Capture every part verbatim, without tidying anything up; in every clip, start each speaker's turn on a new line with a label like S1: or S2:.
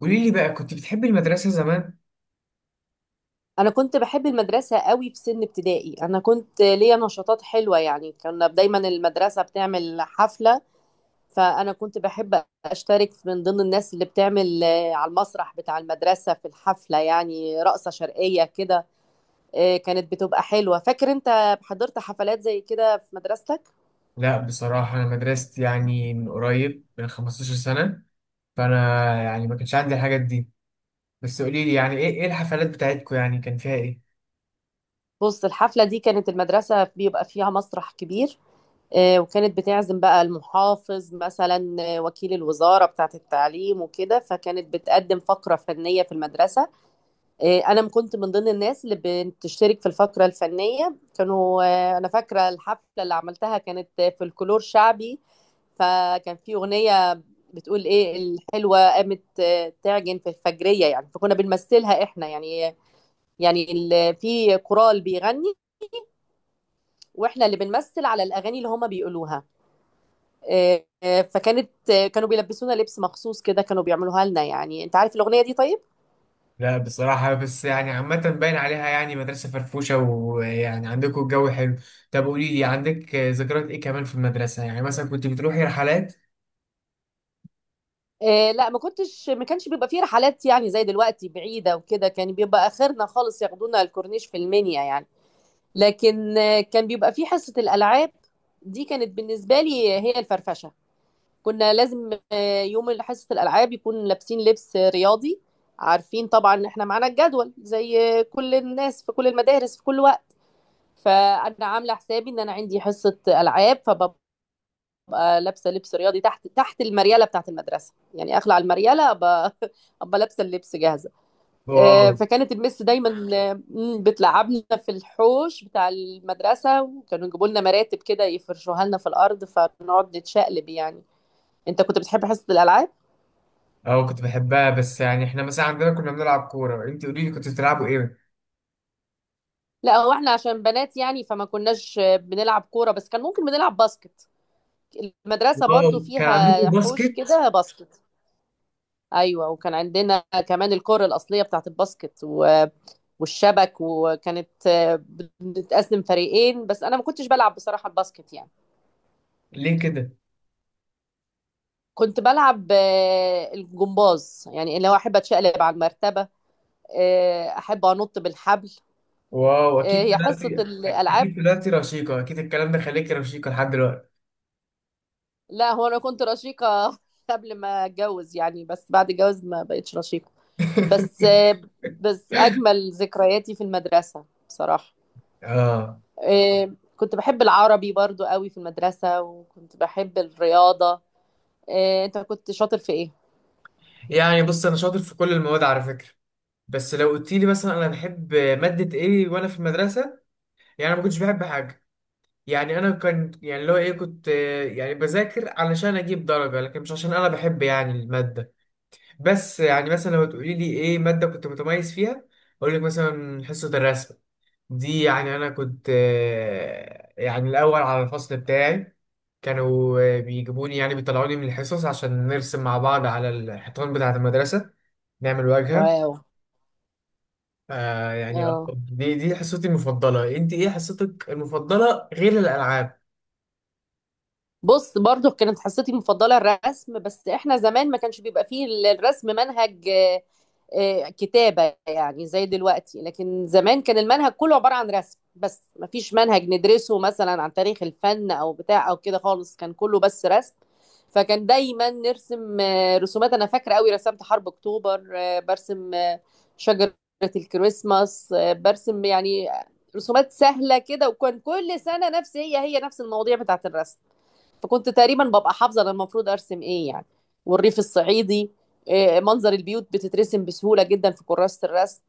S1: قولي لي بقى كنت بتحبي المدرسة زمان؟
S2: انا كنت بحب المدرسه قوي في سن ابتدائي. انا كنت ليا نشاطات حلوه، يعني كنا دايما المدرسه بتعمل حفله. فانا كنت بحب اشترك من ضمن الناس اللي بتعمل آه، على المسرح بتاع المدرسه في الحفله، يعني رقصه شرقيه كده. آه، كانت بتبقى حلوه. فاكر انت حضرت حفلات زي كده في مدرستك؟
S1: لا بصراحة أنا مدرستي يعني من قريب من 15 سنة. فأنا يعني ما كانش عندي الحاجات دي. بس قولي لي يعني إيه إيه الحفلات بتاعتكم يعني كان فيها إيه؟
S2: بص، الحفله دي كانت المدرسه بيبقى فيها مسرح كبير. آه، وكانت بتعزم بقى المحافظ مثلا، آه، وكيل الوزارة بتاعة التعليم وكده، فكانت بتقدم فقرة فنية في المدرسة. آه، أنا كنت من ضمن الناس اللي بتشترك في الفقرة الفنية. كانوا آه، أنا فاكرة الحفلة اللي عملتها كانت آه، فولكلور شعبي. فكان في أغنية بتقول إيه. الحلوة قامت آه، تعجن في الفجرية، يعني فكنا بنمثلها إحنا، يعني. يعني ال- في كورال بيغني، وإحنا اللي بنمثل على الأغاني اللي هما بيقولوها. آه، آه، فكانت آه، كانوا بيلبسونا لبس مخصوص كده، كانوا بيعملوها لنا، يعني. انت عارف الاغنيه دي؟ طيب.
S1: لا بصراحة، بس يعني عامة باين عليها يعني مدرسة فرفوشة، ويعني عندكم الجو حلو. طب قولي لي عندك ذكريات إيه كمان في المدرسة؟ يعني مثلا كنت بتروحي رحلات؟
S2: آه، لا، ما كنتش ما كانش بيبقى فيه رحلات، يعني زي دلوقتي بعيده وكده. كان بيبقى اخرنا خالص ياخدونا الكورنيش في المنيا، يعني. لكن آه، كان بيبقى فيه حصه الالعاب. دي كانت بالنسبه لي هي الفرفشه. كنا لازم آه، يوم حصه الالعاب يكون لابسين لبس رياضي. عارفين طبعا ان احنا معانا الجدول زي كل الناس في كل المدارس في كل وقت. فانا عامله حسابي ان انا عندي حصه العاب، فببقى لابسه لبس رياضي تحت تحت المرياله بتاعه المدرسه، يعني اخلع المرياله، ابقى ابقى لابسه اللبس جاهزه.
S1: واو.
S2: آه، فكانت المس دايما آه، مم، بتلعبنا في الحوش بتاع المدرسه، وكانوا يجيبوا لنا مراتب كده يفرشوها لنا في الارض، فنقعد نتشقلب، يعني. انت كنت بتحب حصه الالعاب؟
S1: أه، كنت بحبها، بس يعني إحنا مثلا عندنا كنا بنلعب كورة. أنت قولي لي كنت بتلعبوا إيه؟
S2: لا، هو احنا عشان بنات، يعني فما كناش آه، بنلعب كوره، بس كان ممكن بنلعب باسكت. المدرسه برضو
S1: واو، كان
S2: فيها
S1: عندكم
S2: حوش
S1: باسكت؟
S2: كده باسكت. ايوه، وكان عندنا كمان الكرة الاصليه بتاعت الباسكت و... والشبك. وكانت آه، بنتقسم فريقين، بس انا ما كنتش بلعب بصراحه الباسكت، يعني.
S1: ليه كده؟
S2: كنت بلعب آه، الجمباز، يعني اللي هو احب اتشقلب على المرتبه. آه، احب انط بالحبل.
S1: واو،
S2: آه،
S1: اكيد
S2: هي حصه
S1: طلعتي
S2: الالعاب.
S1: اكيد طلعتي رشيقه، اكيد الكلام ده، خليكي رشيقه لحد دلوقتي.
S2: لا، هو انا كنت رشيقه قبل ما اتجوز، يعني. بس بعد الجواز ما بقتش رشيقه. بس آه، بس اجمل ذكرياتي في المدرسه بصراحه.
S1: اه.
S2: آه، كنت بحب العربي برضو قوي في المدرسة، وكنت بحب الرياضة. آه، انت كنت شاطر في ايه؟
S1: يعني بص، انا شاطر في كل المواد على فكره. بس لو قلت لي مثلا انا بحب ماده ايه وانا في المدرسه، يعني انا ما كنتش بحب حاجه. يعني انا كان يعني اللي هو ايه، كنت آه، يعني بذاكر علشان اجيب درجه، لكن مش عشان انا بحب يعني الماده. بس يعني مثلا لو تقولي لي ايه ماده كنت متميز فيها، اقول لك مثلا حصه الرسم. دي يعني انا كنت آه، يعني الاول على الفصل بتاعي. كانوا آه، بيجيبوني يعني بيطلعوني من الحصص عشان نرسم مع بعض على الحيطان بتاعة المدرسة، نعمل واجهة.
S2: واو.
S1: آه يعني، آه،
S2: اه،
S1: دي دي حصتي المفضلة. انت ايه حصتك المفضلة غير الالعاب؟
S2: بص، برضو كانت حصتي المفضلة الرسم، بس احنا زمان ما كانش بيبقى فيه الرسم منهج آه، آه، كتابة، يعني زي دلوقتي. لكن زمان كان المنهج كله عبارة عن رسم بس، ما فيش منهج ندرسه مثلا عن تاريخ الفن او بتاع او كده خالص، كان كله بس رسم. فكان دايما نرسم آه، رسومات. انا فاكرة قوي رسمت حرب اكتوبر، آه، برسم آه، شجرة الكريسماس، آه، برسم يعني رسومات سهلة كده. وكان كل سنة نفس، هي هي نفس المواضيع بتاعت الرسم. فكنت تقريبا ببقى حافظه انا المفروض ارسم ايه، يعني. والريف الصعيدي، آه، منظر البيوت بتترسم بسهوله جدا في كراسه الرسم.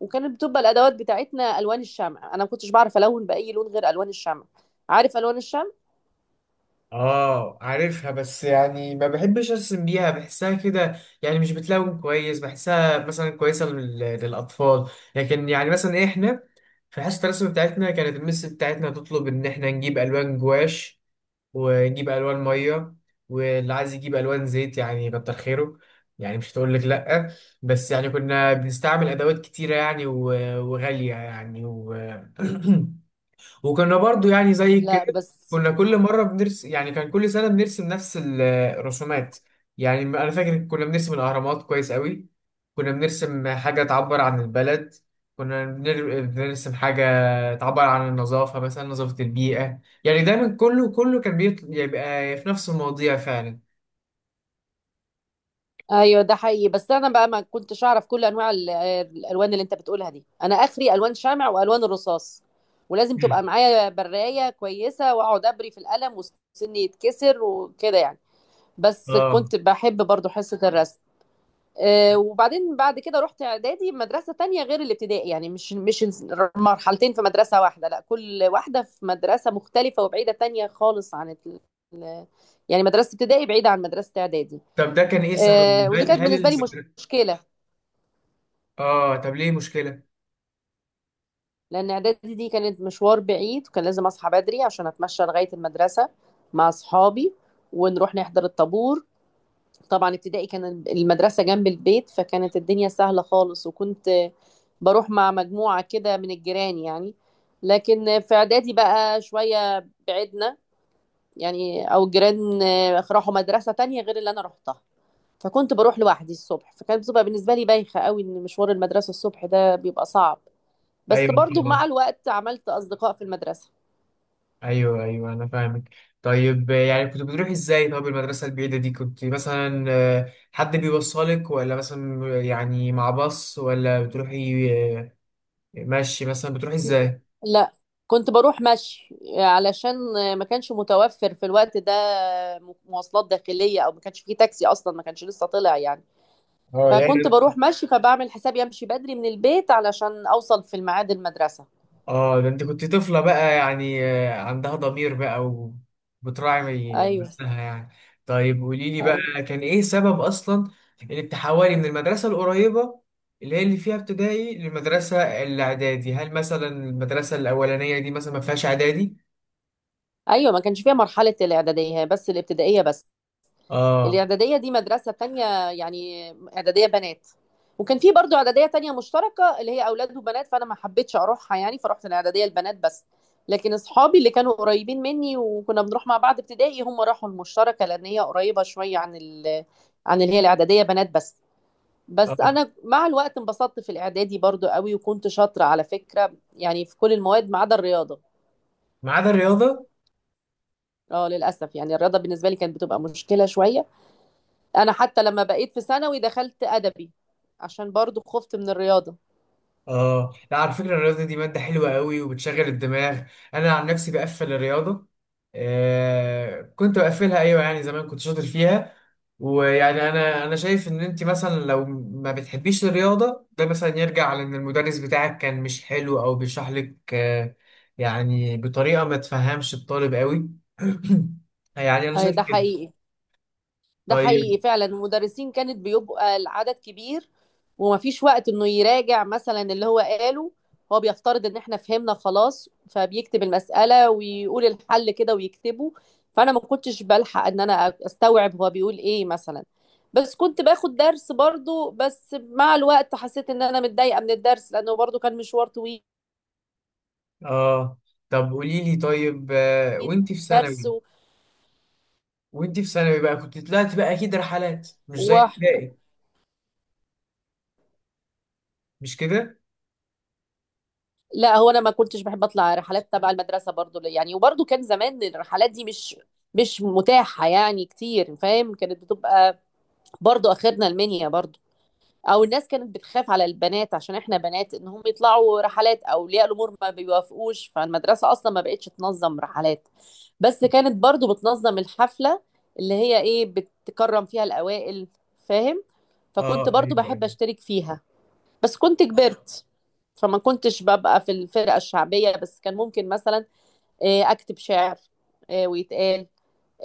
S2: وكانت بتبقى الادوات بتاعتنا الوان الشمع. انا ما كنتش بعرف الون باي لون غير الوان الشمع. عارف الوان الشمع؟
S1: اه، عارفها، بس يعني ما بحبش ارسم بيها، بحسها كده يعني مش بتلون كويس. بحسها مثلا كويسه لل- للاطفال. لكن يعني مثلا احنا في حصه الرسم بتاعتنا كانت المس بتاعتنا تطلب ان احنا نجيب الوان جواش، ونجيب الوان ميه، واللي عايز يجيب الوان زيت يعني كتر خيره، يعني مش هتقول لك لا. بس يعني كنا بنستعمل ادوات كتيره يعني و- وغاليه يعني. و وكنا برضو يعني زي
S2: لا،
S1: كده
S2: بس.
S1: كنا كل مرة بنرسم. يعني كان كل سنة بنرسم نفس الرسومات. يعني أنا فاكر كنا بنرسم الأهرامات كويس قوي. كنا بنرسم حاجة تعبر عن البلد. كنا بنر- بنرسم حاجة تعبر عن النظافة، مثلا نظافة البيئة. يعني دايما كله كله كان بيبقى في نفس المواضيع فعلا.
S2: ايوه، ده حقيقي. بس انا بقى ما كنتش اعرف كل انواع ال- آه، الالوان اللي انت بتقولها دي. انا اخري الوان شمع والوان الرصاص، ولازم تبقى
S1: مم.
S2: معايا برايه كويسه، واقعد ابري في القلم وسني يتكسر وكده، يعني. بس
S1: اه
S2: كنت بحب برضو حصه الرسم. آه، وبعدين بعد كده رحت اعدادي مدرسه تانية غير الابتدائي، يعني مش مش مرحلتين في مدرسه واحده. لا، كل واحده في مدرسه مختلفه وبعيده تانية خالص عن ال... ال- يعني، مدرسه ابتدائي بعيده عن مدرسه اعدادي.
S1: طب ده كان ايه
S2: آه،
S1: سبب؟
S2: ودي
S1: هل
S2: كانت
S1: هل
S2: بالنسبه لي مش-
S1: المدرسة؟
S2: مشكله،
S1: اه، طب ليه مشكلة؟
S2: لان اعدادي دي كانت مشوار بعيد، وكان لازم اصحى بدري عشان اتمشى لغايه المدرسه مع اصحابي، ونروح نحضر الطابور. طبعا، ابتدائي كان المدرسة جنب البيت، فكانت الدنيا سهلة خالص، وكنت بروح مع مجموعة كده من الجيران، يعني. لكن في إعدادي بقى شوية بعدنا، يعني أو الجيران راحوا مدرسة تانية غير اللي أنا روحتها. فكنت بروح لوحدي الصبح، فكانت بتبقى بالنسبة لي بايخة قوي إن مشوار المدرسة الصبح ده بيبقى صعب. بس
S1: ايوه
S2: برضو
S1: طبعا.
S2: مع الوقت عملت أصدقاء في المدرسة.
S1: ايوه ايوه انا فاهمك. طيب آه، يعني كنت بتروح ازاي؟ طب المدرسه البعيده دي كنت مثلا آه، حد بيوصلك ولا مثلا يعني مع باص، ولا بتروحي آه، ماشي؟ مثلا بتروحي ازاي؟
S2: لا، كنت بروح مشي، علشان ما كانش متوفر في الوقت ده مواصلات داخلية، او ما كانش فيه تاكسي، اصلا ما كانش لسه طلع، يعني.
S1: اه يعني
S2: فكنت بروح
S1: طيب.
S2: مشي، فبعمل حسابي امشي بدري من البيت علشان اوصل في الميعاد المدرسة.
S1: اه ده انت كنت طفلة بقى، يعني آه، عندها ضمير بقى وبتراعي
S2: ايوه،
S1: نفسها يعني. طيب قولي لي
S2: ايوه.
S1: بقى، كان ايه سبب اصلا انك تحولي من المدرسة القريبة اللي هي اللي فيها ابتدائي للمدرسة الاعدادي؟ هل مثلا المدرسة الاولانية دي مثلا ما فيهاش اعدادي؟
S2: أيوة، ما كانش فيها مرحلة الاعدادية، هي بس الابتدائية بس.
S1: اه.
S2: الإعدادية دي مدرسة تانية، يعني إعدادية بنات. وكان في برضو إعدادية تانية مشتركة اللي هي أولاد وبنات، فأنا ما حبيتش أروحها، يعني فرحت الإعدادية البنات بس. لكن أصحابي اللي كانوا قريبين مني وكنا بنروح مع بعض ابتدائي، هم راحوا المشتركة، لأن هي قريبة شوية عن ال... عن اللي هي الإعدادية بنات بس. بس
S1: آه.
S2: أنا مع الوقت انبسطت في الإعدادي برضو قوي، وكنت شاطرة على فكرة، يعني في كل المواد ما عدا الرياضة.
S1: ما عدا الرياضة؟
S2: اه، للأسف يعني الرياضة بالنسبة لي كانت بتبقى مشكلة شوية. انا حتى لما بقيت في ثانوي دخلت ادبي، عشان برضو خفت من الرياضه.
S1: اه لا، على فكرة الرياضة دي مادة حلوة قوي وبتشغل الدماغ. انا عن نفسي بقفل الرياضة. آه كنت بقفلها، ايوه يعني زمان كنت شاطر فيها. ويعني انا انا شايف ان انت مثلا لو ما بتحبيش الرياضة، ده مثلا يرجع لان المدرس بتاعك كان مش حلو او بيشرح لك آه، يعني بطريقة ما تفهمش الطالب قوي. يعني انا
S2: اي،
S1: شايف
S2: ده
S1: كده.
S2: حقيقي، ده
S1: طيب.
S2: حقيقي فعلا. المدرسين كانت بيبقى العدد كبير، ومفيش وقت انه يراجع مثلا اللي هو قاله. هو بيفترض ان احنا فهمنا خلاص، فبيكتب المسألة ويقول الحل كده ويكتبه. فانا ما كنتش بلحق ان انا استوعب هو بيقول ايه مثلا. بس كنت باخد درس برضو. بس مع الوقت حسيت ان انا متضايقة من الدرس، لانه برضو كان مشوار طويل.
S1: اه طب قولي لي، طيب آه وانت في
S2: درس.
S1: ثانوي وانت في ثانوي بقى، كنت طلعت بقى اكيد رحلات مش زي ابتدائي، مش كده؟
S2: لا، هو انا ما كنتش بحب اطلع رحلات تبع المدرسه برضو، يعني. وبرضو كان زمان الرحلات دي مش مش متاحه، يعني كتير، فاهم؟ كانت بتبقى برضو اخرنا المنيا، برضو. او الناس كانت بتخاف على البنات عشان احنا بنات، ان هم يطلعوا رحلات، او اولياء الامور ما بيوافقوش. فالمدرسه اصلا ما بقتش تنظم رحلات. بس كانت برضو بتنظم الحفله، اللي هي ايه بتكرم فيها الاوائل. فاهم؟ فكنت
S1: اه
S2: برضو
S1: ايوه
S2: بحب
S1: ايوه.
S2: اشترك فيها. بس كنت كبرت، فما كنتش ببقى في الفرقة الشعبية. بس كان ممكن مثلا آه، أكتب شعر، آه، ويتقال،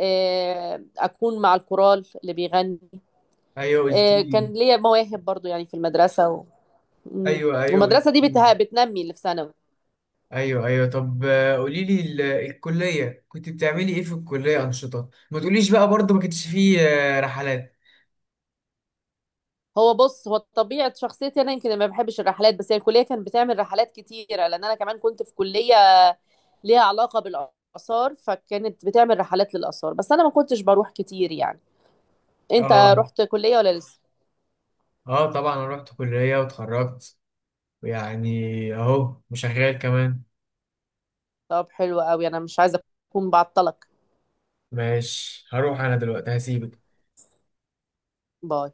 S2: آه، أكون مع الكورال اللي بيغني.
S1: ايوه قلت
S2: آه، كان
S1: لي.
S2: ليا مواهب برضو، يعني في المدرسة و... مم.
S1: ايوه ايوه قلت
S2: والمدرسة دي
S1: لي.
S2: بتها... بتنمي اللي في ثانوي.
S1: ايوه ايوه طب آه، قولي لي ال- الكليه كنت بتعملي ايه في الكليه، انشطه؟ ما تقوليش بقى برضه ما كانش فيه آه، رحلات.
S2: هو، بص، هو طبيعة شخصيتي أنا يمكن ما بحبش الرحلات. بس هي الكلية كانت بتعمل رحلات كتيرة، لأن أنا كمان كنت في كلية ليها علاقة بالآثار، فكانت بتعمل رحلات للآثار، بس أنا ما كنتش بروح كتير، يعني. أنت
S1: اه.
S2: رحت كلية ولا لسه؟
S1: اه طبعا انا رحت كليه واتخرجت يعني، اهو وشغال كمان.
S2: طب، حلو قوي، انا مش عايزه اكون بعطلك.
S1: ماشي هروح انا دلوقتي، هسيبك.
S2: باي.